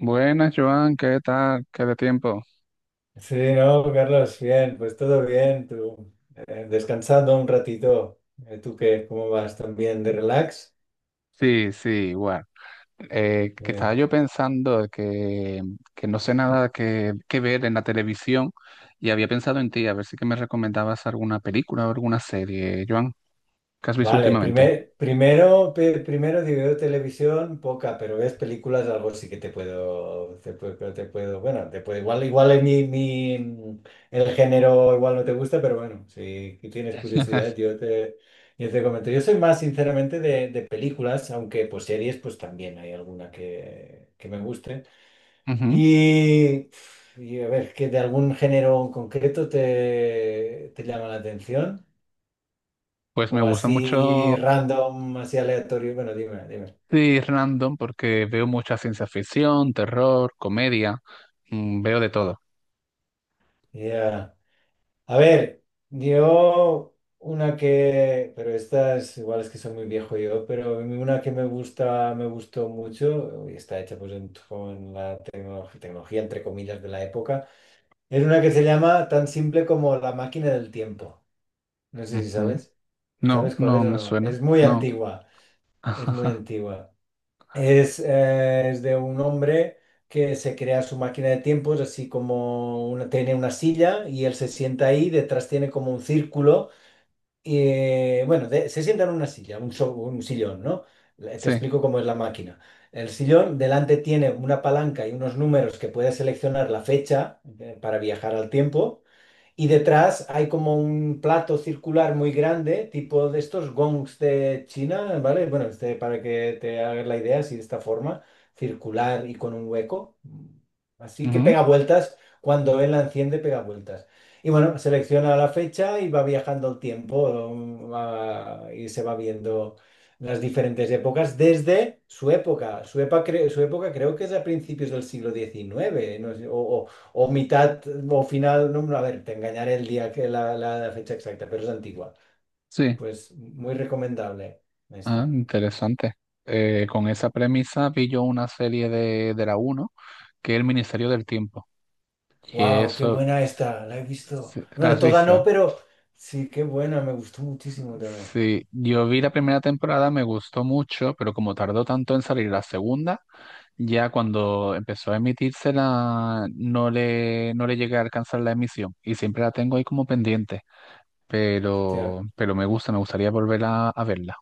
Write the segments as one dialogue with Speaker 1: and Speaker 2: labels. Speaker 1: Buenas, Joan, ¿qué tal? ¿Qué de tiempo?
Speaker 2: Sí, no, Carlos, bien, pues todo bien, tú, descansando un ratito. ¿Tú qué? ¿Cómo vas? ¿También de relax?
Speaker 1: Sí, sí, igual. Que estaba
Speaker 2: Eh,
Speaker 1: yo pensando que no sé nada que ver en la televisión y había pensado en ti, a ver si que me recomendabas alguna película o alguna serie, Joan. ¿Qué has visto
Speaker 2: vale,
Speaker 1: últimamente?
Speaker 2: primero si veo televisión, poca, pero ves películas, algo sí que te puedo, igual en el género igual no te gusta, pero bueno, si tienes curiosidad, yo te comento. Yo soy más, sinceramente, de películas, aunque pues series, pues también hay alguna que me guste.
Speaker 1: Ujú.
Speaker 2: Y, y a ver, ¿que de algún género en concreto te llama la atención?
Speaker 1: Pues me
Speaker 2: O
Speaker 1: gusta
Speaker 2: así
Speaker 1: mucho,
Speaker 2: random, así aleatorio. Bueno, dime, dime.
Speaker 1: sí, random, porque veo mucha ciencia ficción, terror, comedia, veo de todo.
Speaker 2: Ya. A ver, yo una que, pero estas igual es que soy muy viejo yo, pero una que me gustó mucho, y está hecha pues con la tecnología, entre comillas, de la época, es una que se llama tan simple como La Máquina del Tiempo. No sé si
Speaker 1: Ujú.
Speaker 2: sabes.
Speaker 1: No,
Speaker 2: ¿Sabes cuál es
Speaker 1: no
Speaker 2: o
Speaker 1: me
Speaker 2: no?
Speaker 1: suena,
Speaker 2: Es muy
Speaker 1: no.
Speaker 2: antigua, es muy antigua. Es de un hombre que se crea su máquina de tiempos, así como una, tiene una silla y él se sienta ahí, detrás tiene como un círculo y, bueno, se sienta en una silla, un, un sillón, ¿no? Te
Speaker 1: Sí,
Speaker 2: explico cómo es la máquina. El sillón delante tiene una palanca y unos números que puede seleccionar la fecha, para viajar al tiempo. Y detrás hay como un plato circular muy grande, tipo de estos gongs de China, ¿vale? Bueno, este, para que te hagas la idea, así de esta forma, circular y con un hueco. Así que
Speaker 1: ujú,
Speaker 2: pega vueltas, cuando él la enciende, pega vueltas. Y bueno, selecciona la fecha y va viajando el tiempo, y se va viendo las diferentes épocas desde su época. Su época creo que es a principios del siglo XIX, no sé, o mitad o final, no, no, a ver, te engañaré el día que la fecha exacta, pero es antigua.
Speaker 1: sí.
Speaker 2: Pues muy recomendable
Speaker 1: Ah,
Speaker 2: esta.
Speaker 1: interesante. Con esa premisa vi yo una serie de la uno que es El Ministerio del Tiempo. Y
Speaker 2: ¡Wow! ¡Qué
Speaker 1: eso,
Speaker 2: buena esta! La he visto.
Speaker 1: sí, ¿la
Speaker 2: Bueno,
Speaker 1: has
Speaker 2: toda
Speaker 1: visto?
Speaker 2: no, pero sí, qué buena, me gustó muchísimo también.
Speaker 1: Sí, yo vi la primera temporada, me gustó mucho, pero como tardó tanto en salir la segunda, ya cuando empezó a emitírsela, no le, no le llegué a alcanzar la emisión. Y siempre la tengo ahí como pendiente.
Speaker 2: Hostia,
Speaker 1: Pero me gusta, me gustaría volver a verla.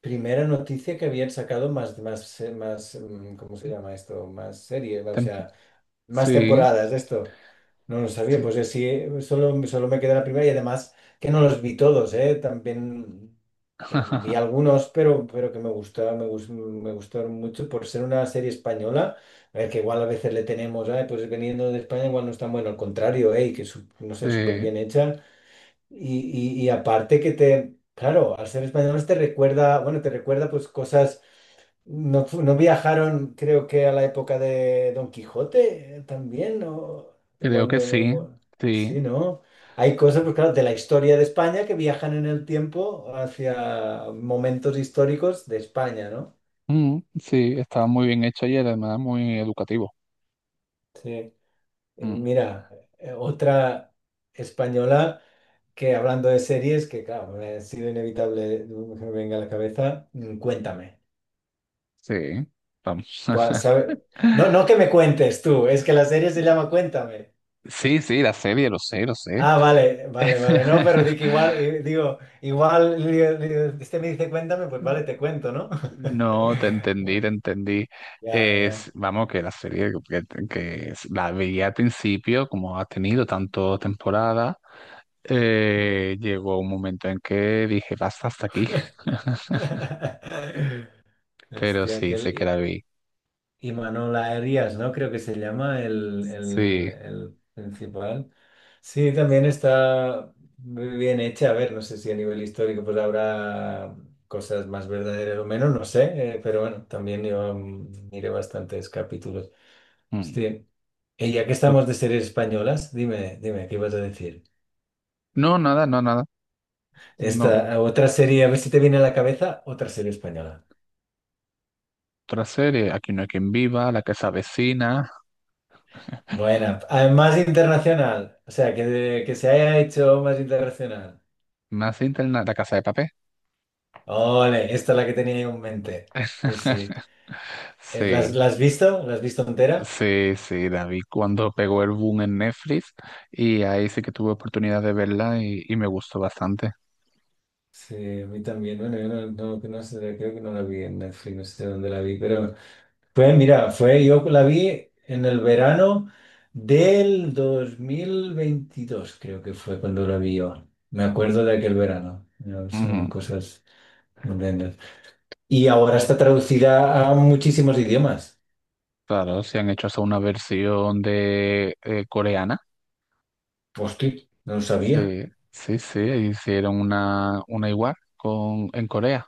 Speaker 2: primera noticia que habían sacado más, ¿cómo se llama esto? Más serie, o
Speaker 1: Tem-
Speaker 2: sea, más
Speaker 1: sí,
Speaker 2: temporadas de esto. No lo sabía,
Speaker 1: sí,
Speaker 2: pues sí, solo me quedé la primera y además que no los vi todos, ¿eh? También vi algunos, pero que me gustaron mucho por ser una serie española, que igual a veces le tenemos, "Ay, pues veniendo de España igual no es tan bueno", al contrario, ¿eh? Y que no sé, súper
Speaker 1: sí,
Speaker 2: bien hecha. Y, y aparte que te, claro, al ser españoles te recuerda pues cosas no, no viajaron, creo que a la época de Don Quijote, también, ¿no?
Speaker 1: creo
Speaker 2: Igual
Speaker 1: que
Speaker 2: me...
Speaker 1: sí,
Speaker 2: igual-
Speaker 1: sí.
Speaker 2: Sí, ¿no? Hay cosas, pues claro, de la historia de España que viajan en el tiempo hacia momentos históricos de España, ¿no?
Speaker 1: Mm, sí, estaba muy bien hecha y además muy educativo.
Speaker 2: Sí. Y
Speaker 1: Mm,
Speaker 2: mira, otra española que hablando de series, que claro, me ha sido inevitable, que me venga a la cabeza, cuéntame.
Speaker 1: sí, vamos.
Speaker 2: ¿Cuál- sabe? No, no que me cuentes tú, es que la serie se llama Cuéntame.
Speaker 1: Sí, sí, la serie, lo sé, lo sé.
Speaker 2: Ah, vale, vale, vale. No, pero di que igual, digo, igual, digo, este me dice cuéntame, pues vale, te cuento, ¿no?
Speaker 1: No, te entendí, te entendí.
Speaker 2: Ya,
Speaker 1: Es,
Speaker 2: ya.
Speaker 1: vamos, que la serie que la veía al principio, como ha tenido tantas temporadas,
Speaker 2: Mm.
Speaker 1: llegó un momento en que dije, basta hasta aquí. Pero
Speaker 2: Este,
Speaker 1: sí,
Speaker 2: aquel
Speaker 1: sé que la
Speaker 2: I-
Speaker 1: vi.
Speaker 2: Imanol Arias, ¿no? Creo que se llama
Speaker 1: Sí.
Speaker 2: el principal. Sí, también está muy bien hecha. A ver, no sé si a nivel histórico pues habrá cosas más verdaderas o menos, no sé, pero bueno, también yo, miré bastantes capítulos.
Speaker 1: Mm.
Speaker 2: Sí. Y ya que estamos de series españolas, dime, dime, ¿qué ibas a decir?
Speaker 1: No, nada, no, nada. No.
Speaker 2: Esta otra serie, a ver si te viene a la cabeza, otra serie española.
Speaker 1: Otra serie, Aquí no hay quien viva, La casa vecina,
Speaker 2: Buena, además internacional, o sea, que se haya hecho más internacional.
Speaker 1: más interna, La casa de papel.
Speaker 2: Ole, esta es la que tenía yo en mente. Sí, sí. Eh,
Speaker 1: Sí,
Speaker 2: ¿Las, Las has visto? ¿La has visto entera?
Speaker 1: sí, sí, David, cuando pegó el boom en Netflix y ahí sí que tuve oportunidad de verla y me gustó bastante.
Speaker 2: Sí, a mí también. Bueno, yo no, no, que no sé, creo que no la vi en Netflix, no sé dónde la vi, pero fue, yo la vi en el verano del 2022 creo que fue cuando la vi yo. Me acuerdo de aquel verano. No, son
Speaker 1: Ujú.
Speaker 2: cosas tremendas. Y ahora está traducida a muchísimos idiomas.
Speaker 1: Claro, se han hecho hasta una versión de coreana.
Speaker 2: Hostia, no lo sabía.
Speaker 1: Sí, sí, sí, hicieron una igual con, en Corea.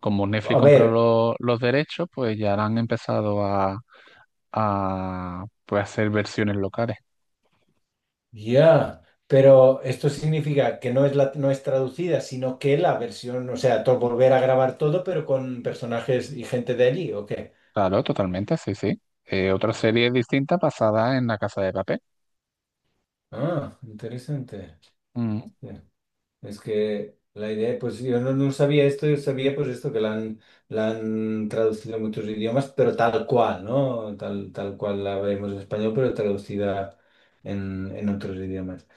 Speaker 1: Como Netflix
Speaker 2: A
Speaker 1: compró
Speaker 2: ver,
Speaker 1: los derechos, pues ya han empezado a pues, hacer versiones locales.
Speaker 2: ya, pero esto significa que no es no es traducida, sino que la versión, o sea, volver a grabar todo, pero con personajes y gente de allí, ¿o qué?
Speaker 1: Claro, totalmente, sí, sí. Otra serie distinta basada en La Casa de Papel.
Speaker 2: Ah, interesante.
Speaker 1: Mm,
Speaker 2: Es que la idea, pues yo no sabía esto, yo sabía pues esto, que la han traducido a muchos idiomas, pero tal cual, ¿no? Tal cual la vemos en español, pero traducida en otros idiomas.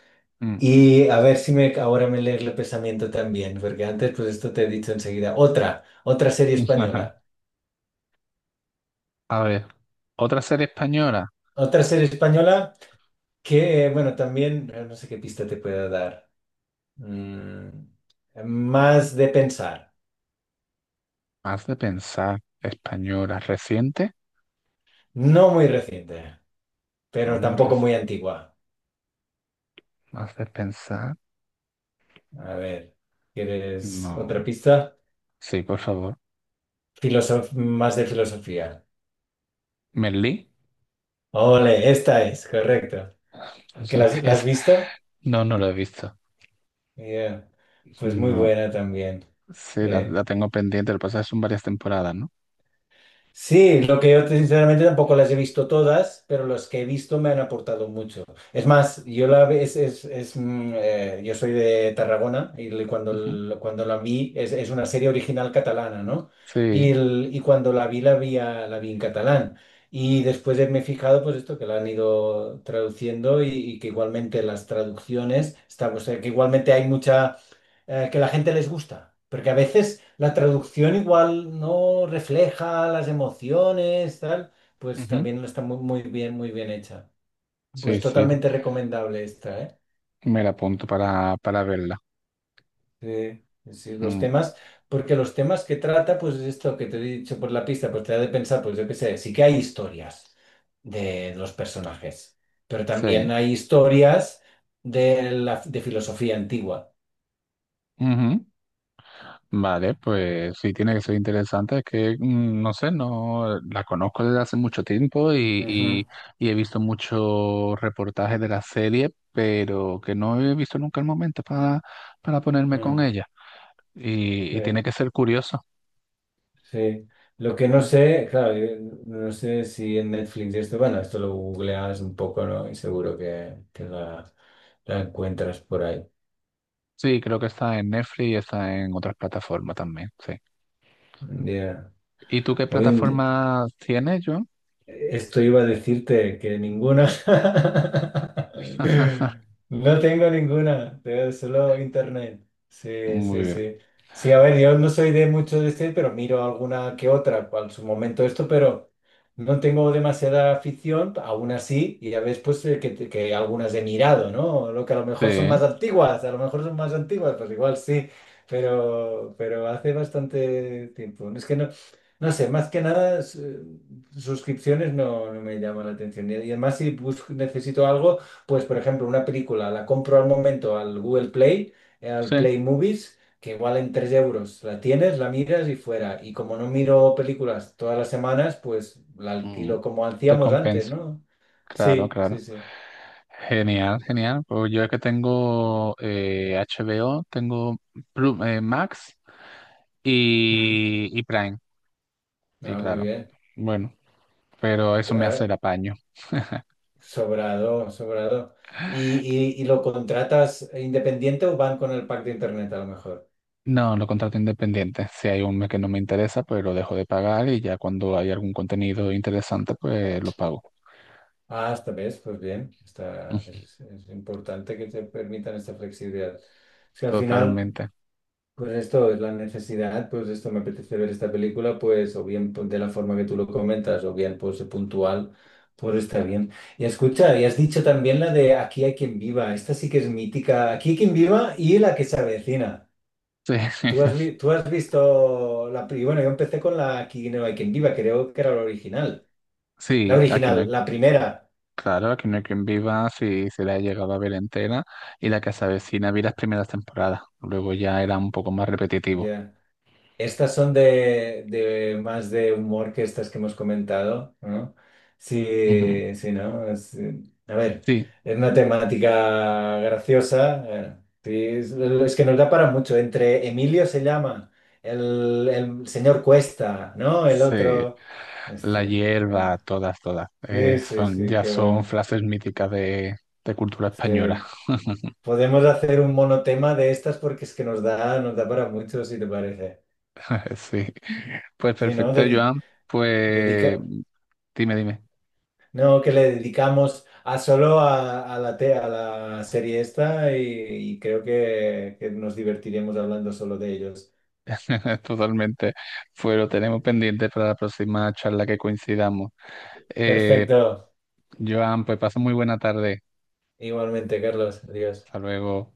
Speaker 1: mm.
Speaker 2: Y a ver si me, ahora me lees el pensamiento también, porque antes pues esto te he dicho enseguida. Otra serie española.
Speaker 1: A ver, otra serie española,
Speaker 2: Otra serie española que, bueno, también, no sé qué pista te pueda dar. Mm, Más de pensar.
Speaker 1: más de pensar, española, reciente,
Speaker 2: No muy reciente,
Speaker 1: no
Speaker 2: pero
Speaker 1: muy
Speaker 2: tampoco muy
Speaker 1: reciente,
Speaker 2: antigua.
Speaker 1: más de pensar,
Speaker 2: A ver, ¿quieres otra
Speaker 1: no.
Speaker 2: pista?
Speaker 1: Sí, por favor.
Speaker 2: Más de filosofía.
Speaker 1: Merlí.
Speaker 2: Ole, esta es, correcto. ¿Que
Speaker 1: Sí,
Speaker 2: las- la, Has visto?
Speaker 1: No, no lo he visto.
Speaker 2: Yeah. Pues muy
Speaker 1: No,
Speaker 2: buena también.
Speaker 1: sí, la,
Speaker 2: Eh,
Speaker 1: la tengo pendiente. Lo que pasa es que son varias temporadas, ¿no?
Speaker 2: Sí, lo que yo sinceramente tampoco las he visto todas, pero las que he visto me han aportado mucho. Es más, yo la ve- es, mm, yo soy de Tarragona y
Speaker 1: Ujú.
Speaker 2: cuando la vi es una serie original catalana, ¿no? Y,
Speaker 1: Sí,
Speaker 2: el- y cuando la vi en catalán. Y después me he fijado pues esto que la han ido traduciendo y que igualmente las traducciones, estamos, que igualmente hay mucha, que la gente les gusta, porque a veces la traducción igual no refleja las emociones, tal, pues
Speaker 1: ujú.
Speaker 2: también no está muy, muy bien hecha. Pues
Speaker 1: Sí, sí.
Speaker 2: totalmente recomendable esta, ¿eh?
Speaker 1: Me la apunto para verla.
Speaker 2: Sí, sí, los
Speaker 1: Mm,
Speaker 2: temas, porque los temas que trata, pues esto que te he dicho por la pista, pues te da de pensar, pues yo qué sé, sí que hay historias de los personajes, pero también
Speaker 1: sí.
Speaker 2: hay historias de la de filosofía antigua.
Speaker 1: Ujú. Vale, pues sí, tiene que ser interesante. Es que, mm, no sé, no la conozco desde hace mucho tiempo
Speaker 2: Ujú,
Speaker 1: y he visto muchos reportajes de la serie, pero que no he visto nunca el momento para ponerme con
Speaker 2: mm,
Speaker 1: ella. Y
Speaker 2: sí.
Speaker 1: tiene que ser curioso.
Speaker 2: Sí. Lo que no
Speaker 1: Mm.
Speaker 2: sé, claro, yo no sé si en Netflix esto, bueno, esto lo googleas un poco, ¿no? Y seguro que la encuentras por ahí.
Speaker 1: Sí, creo que está en Netflix y está en otras plataformas también, sí.
Speaker 2: Ya.
Speaker 1: ¿Y tú qué
Speaker 2: Hoy en, di-
Speaker 1: plataforma tienes, yo?
Speaker 2: Esto iba a decirte que ninguna. No tengo ninguna, tengo solo internet. Sí,
Speaker 1: Muy
Speaker 2: sí,
Speaker 1: bien.
Speaker 2: sí. Sí, a ver, yo no soy de mucho de este, pero miro alguna que otra, cual su momento esto, pero no tengo demasiada afición, aún así, y ya ves pues, que algunas he mirado, ¿no? Lo que a lo
Speaker 1: Sí,
Speaker 2: mejor son más antiguas, a lo mejor son más antiguas, pues igual sí, pero hace bastante tiempo. Es que no, no sé, más que nada. Suscripciones no, no me llama la atención. Y además, si necesito algo, pues por ejemplo, una película, la compro al momento al Google Play, al
Speaker 1: sí.
Speaker 2: Play Movies, que igual en 3 euros la tienes, la miras y fuera. Y como no miro películas todas las semanas, pues la
Speaker 1: Mm.
Speaker 2: alquilo como
Speaker 1: Te
Speaker 2: hacíamos antes,
Speaker 1: compensa.
Speaker 2: ¿no?
Speaker 1: Claro,
Speaker 2: Sí, sí,
Speaker 1: claro.
Speaker 2: sí. Mm.
Speaker 1: Genial, genial. Pues yo es que tengo HBO, tengo Max
Speaker 2: Mm.
Speaker 1: y Prime. Y
Speaker 2: Ah, muy
Speaker 1: claro,
Speaker 2: bien.
Speaker 1: bueno, pero eso me hace
Speaker 2: Ah,
Speaker 1: el apaño.
Speaker 2: sobrado, sobrado. ¿ Y lo contratas independiente o van con el pack de internet a lo mejor?
Speaker 1: No, lo contrato independiente. Si hay un mes que no me interesa, pues lo dejo de pagar y ya cuando hay algún contenido interesante, pues lo pago.
Speaker 2: Ah, esta vez, pues bien, está,
Speaker 1: Ujú,
Speaker 2: es importante que te permitan esta flexibilidad. Es que al final,
Speaker 1: totalmente.
Speaker 2: pues esto es la necesidad, pues esto me apetece ver esta película, pues o bien pues, de la forma que tú lo comentas, o bien pues puntual, pues está bien. Y escucha, y has dicho también la de Aquí hay quien viva, esta sí que es mítica, Aquí hay quien viva y La que se avecina.
Speaker 1: Sí,
Speaker 2: Tú has, vi- tú has visto la... pri- Bueno, yo empecé con la Aquí no hay quien viva, creo que era la original. La
Speaker 1: sí, aquí no hay,
Speaker 2: original, la primera.
Speaker 1: claro, aquí no hay quien viva si se la ha llegado a ver entera y la que se avecina vi las primeras temporadas. Luego ya era un poco más repetitivo.
Speaker 2: Ya. Estas son de más de humor que estas que hemos comentado, ¿no?
Speaker 1: Ujú.
Speaker 2: Sí, sí, ¿no? A ver,
Speaker 1: Sí,
Speaker 2: es una temática graciosa. Sí, es que nos da para mucho. Entre Emilio se llama, el señor Cuesta, ¿no? El
Speaker 1: sí,
Speaker 2: otro.
Speaker 1: la
Speaker 2: Este, eh,
Speaker 1: hierba, todas, todas.
Speaker 2: sí, sí,
Speaker 1: Son,
Speaker 2: sí,
Speaker 1: ya
Speaker 2: qué
Speaker 1: son
Speaker 2: bueno.
Speaker 1: frases míticas de cultura española.
Speaker 2: Sí. Podemos hacer un monotema de estas porque es que nos da para mucho, si te parece.
Speaker 1: Sí. Pues
Speaker 2: Sí, ¿no?
Speaker 1: perfecto, Joan. Pues
Speaker 2: Dedica-
Speaker 1: dime, dime.
Speaker 2: No, que le dedicamos a solo a a la serie esta y creo que nos divertiremos hablando solo de ellos.
Speaker 1: Totalmente. Pues lo tenemos pendiente para la próxima charla que coincidamos. Eh,
Speaker 2: Perfecto.
Speaker 1: Joan, pues pasa muy buena tarde.
Speaker 2: Igualmente, Carlos. Adiós.
Speaker 1: Hasta luego.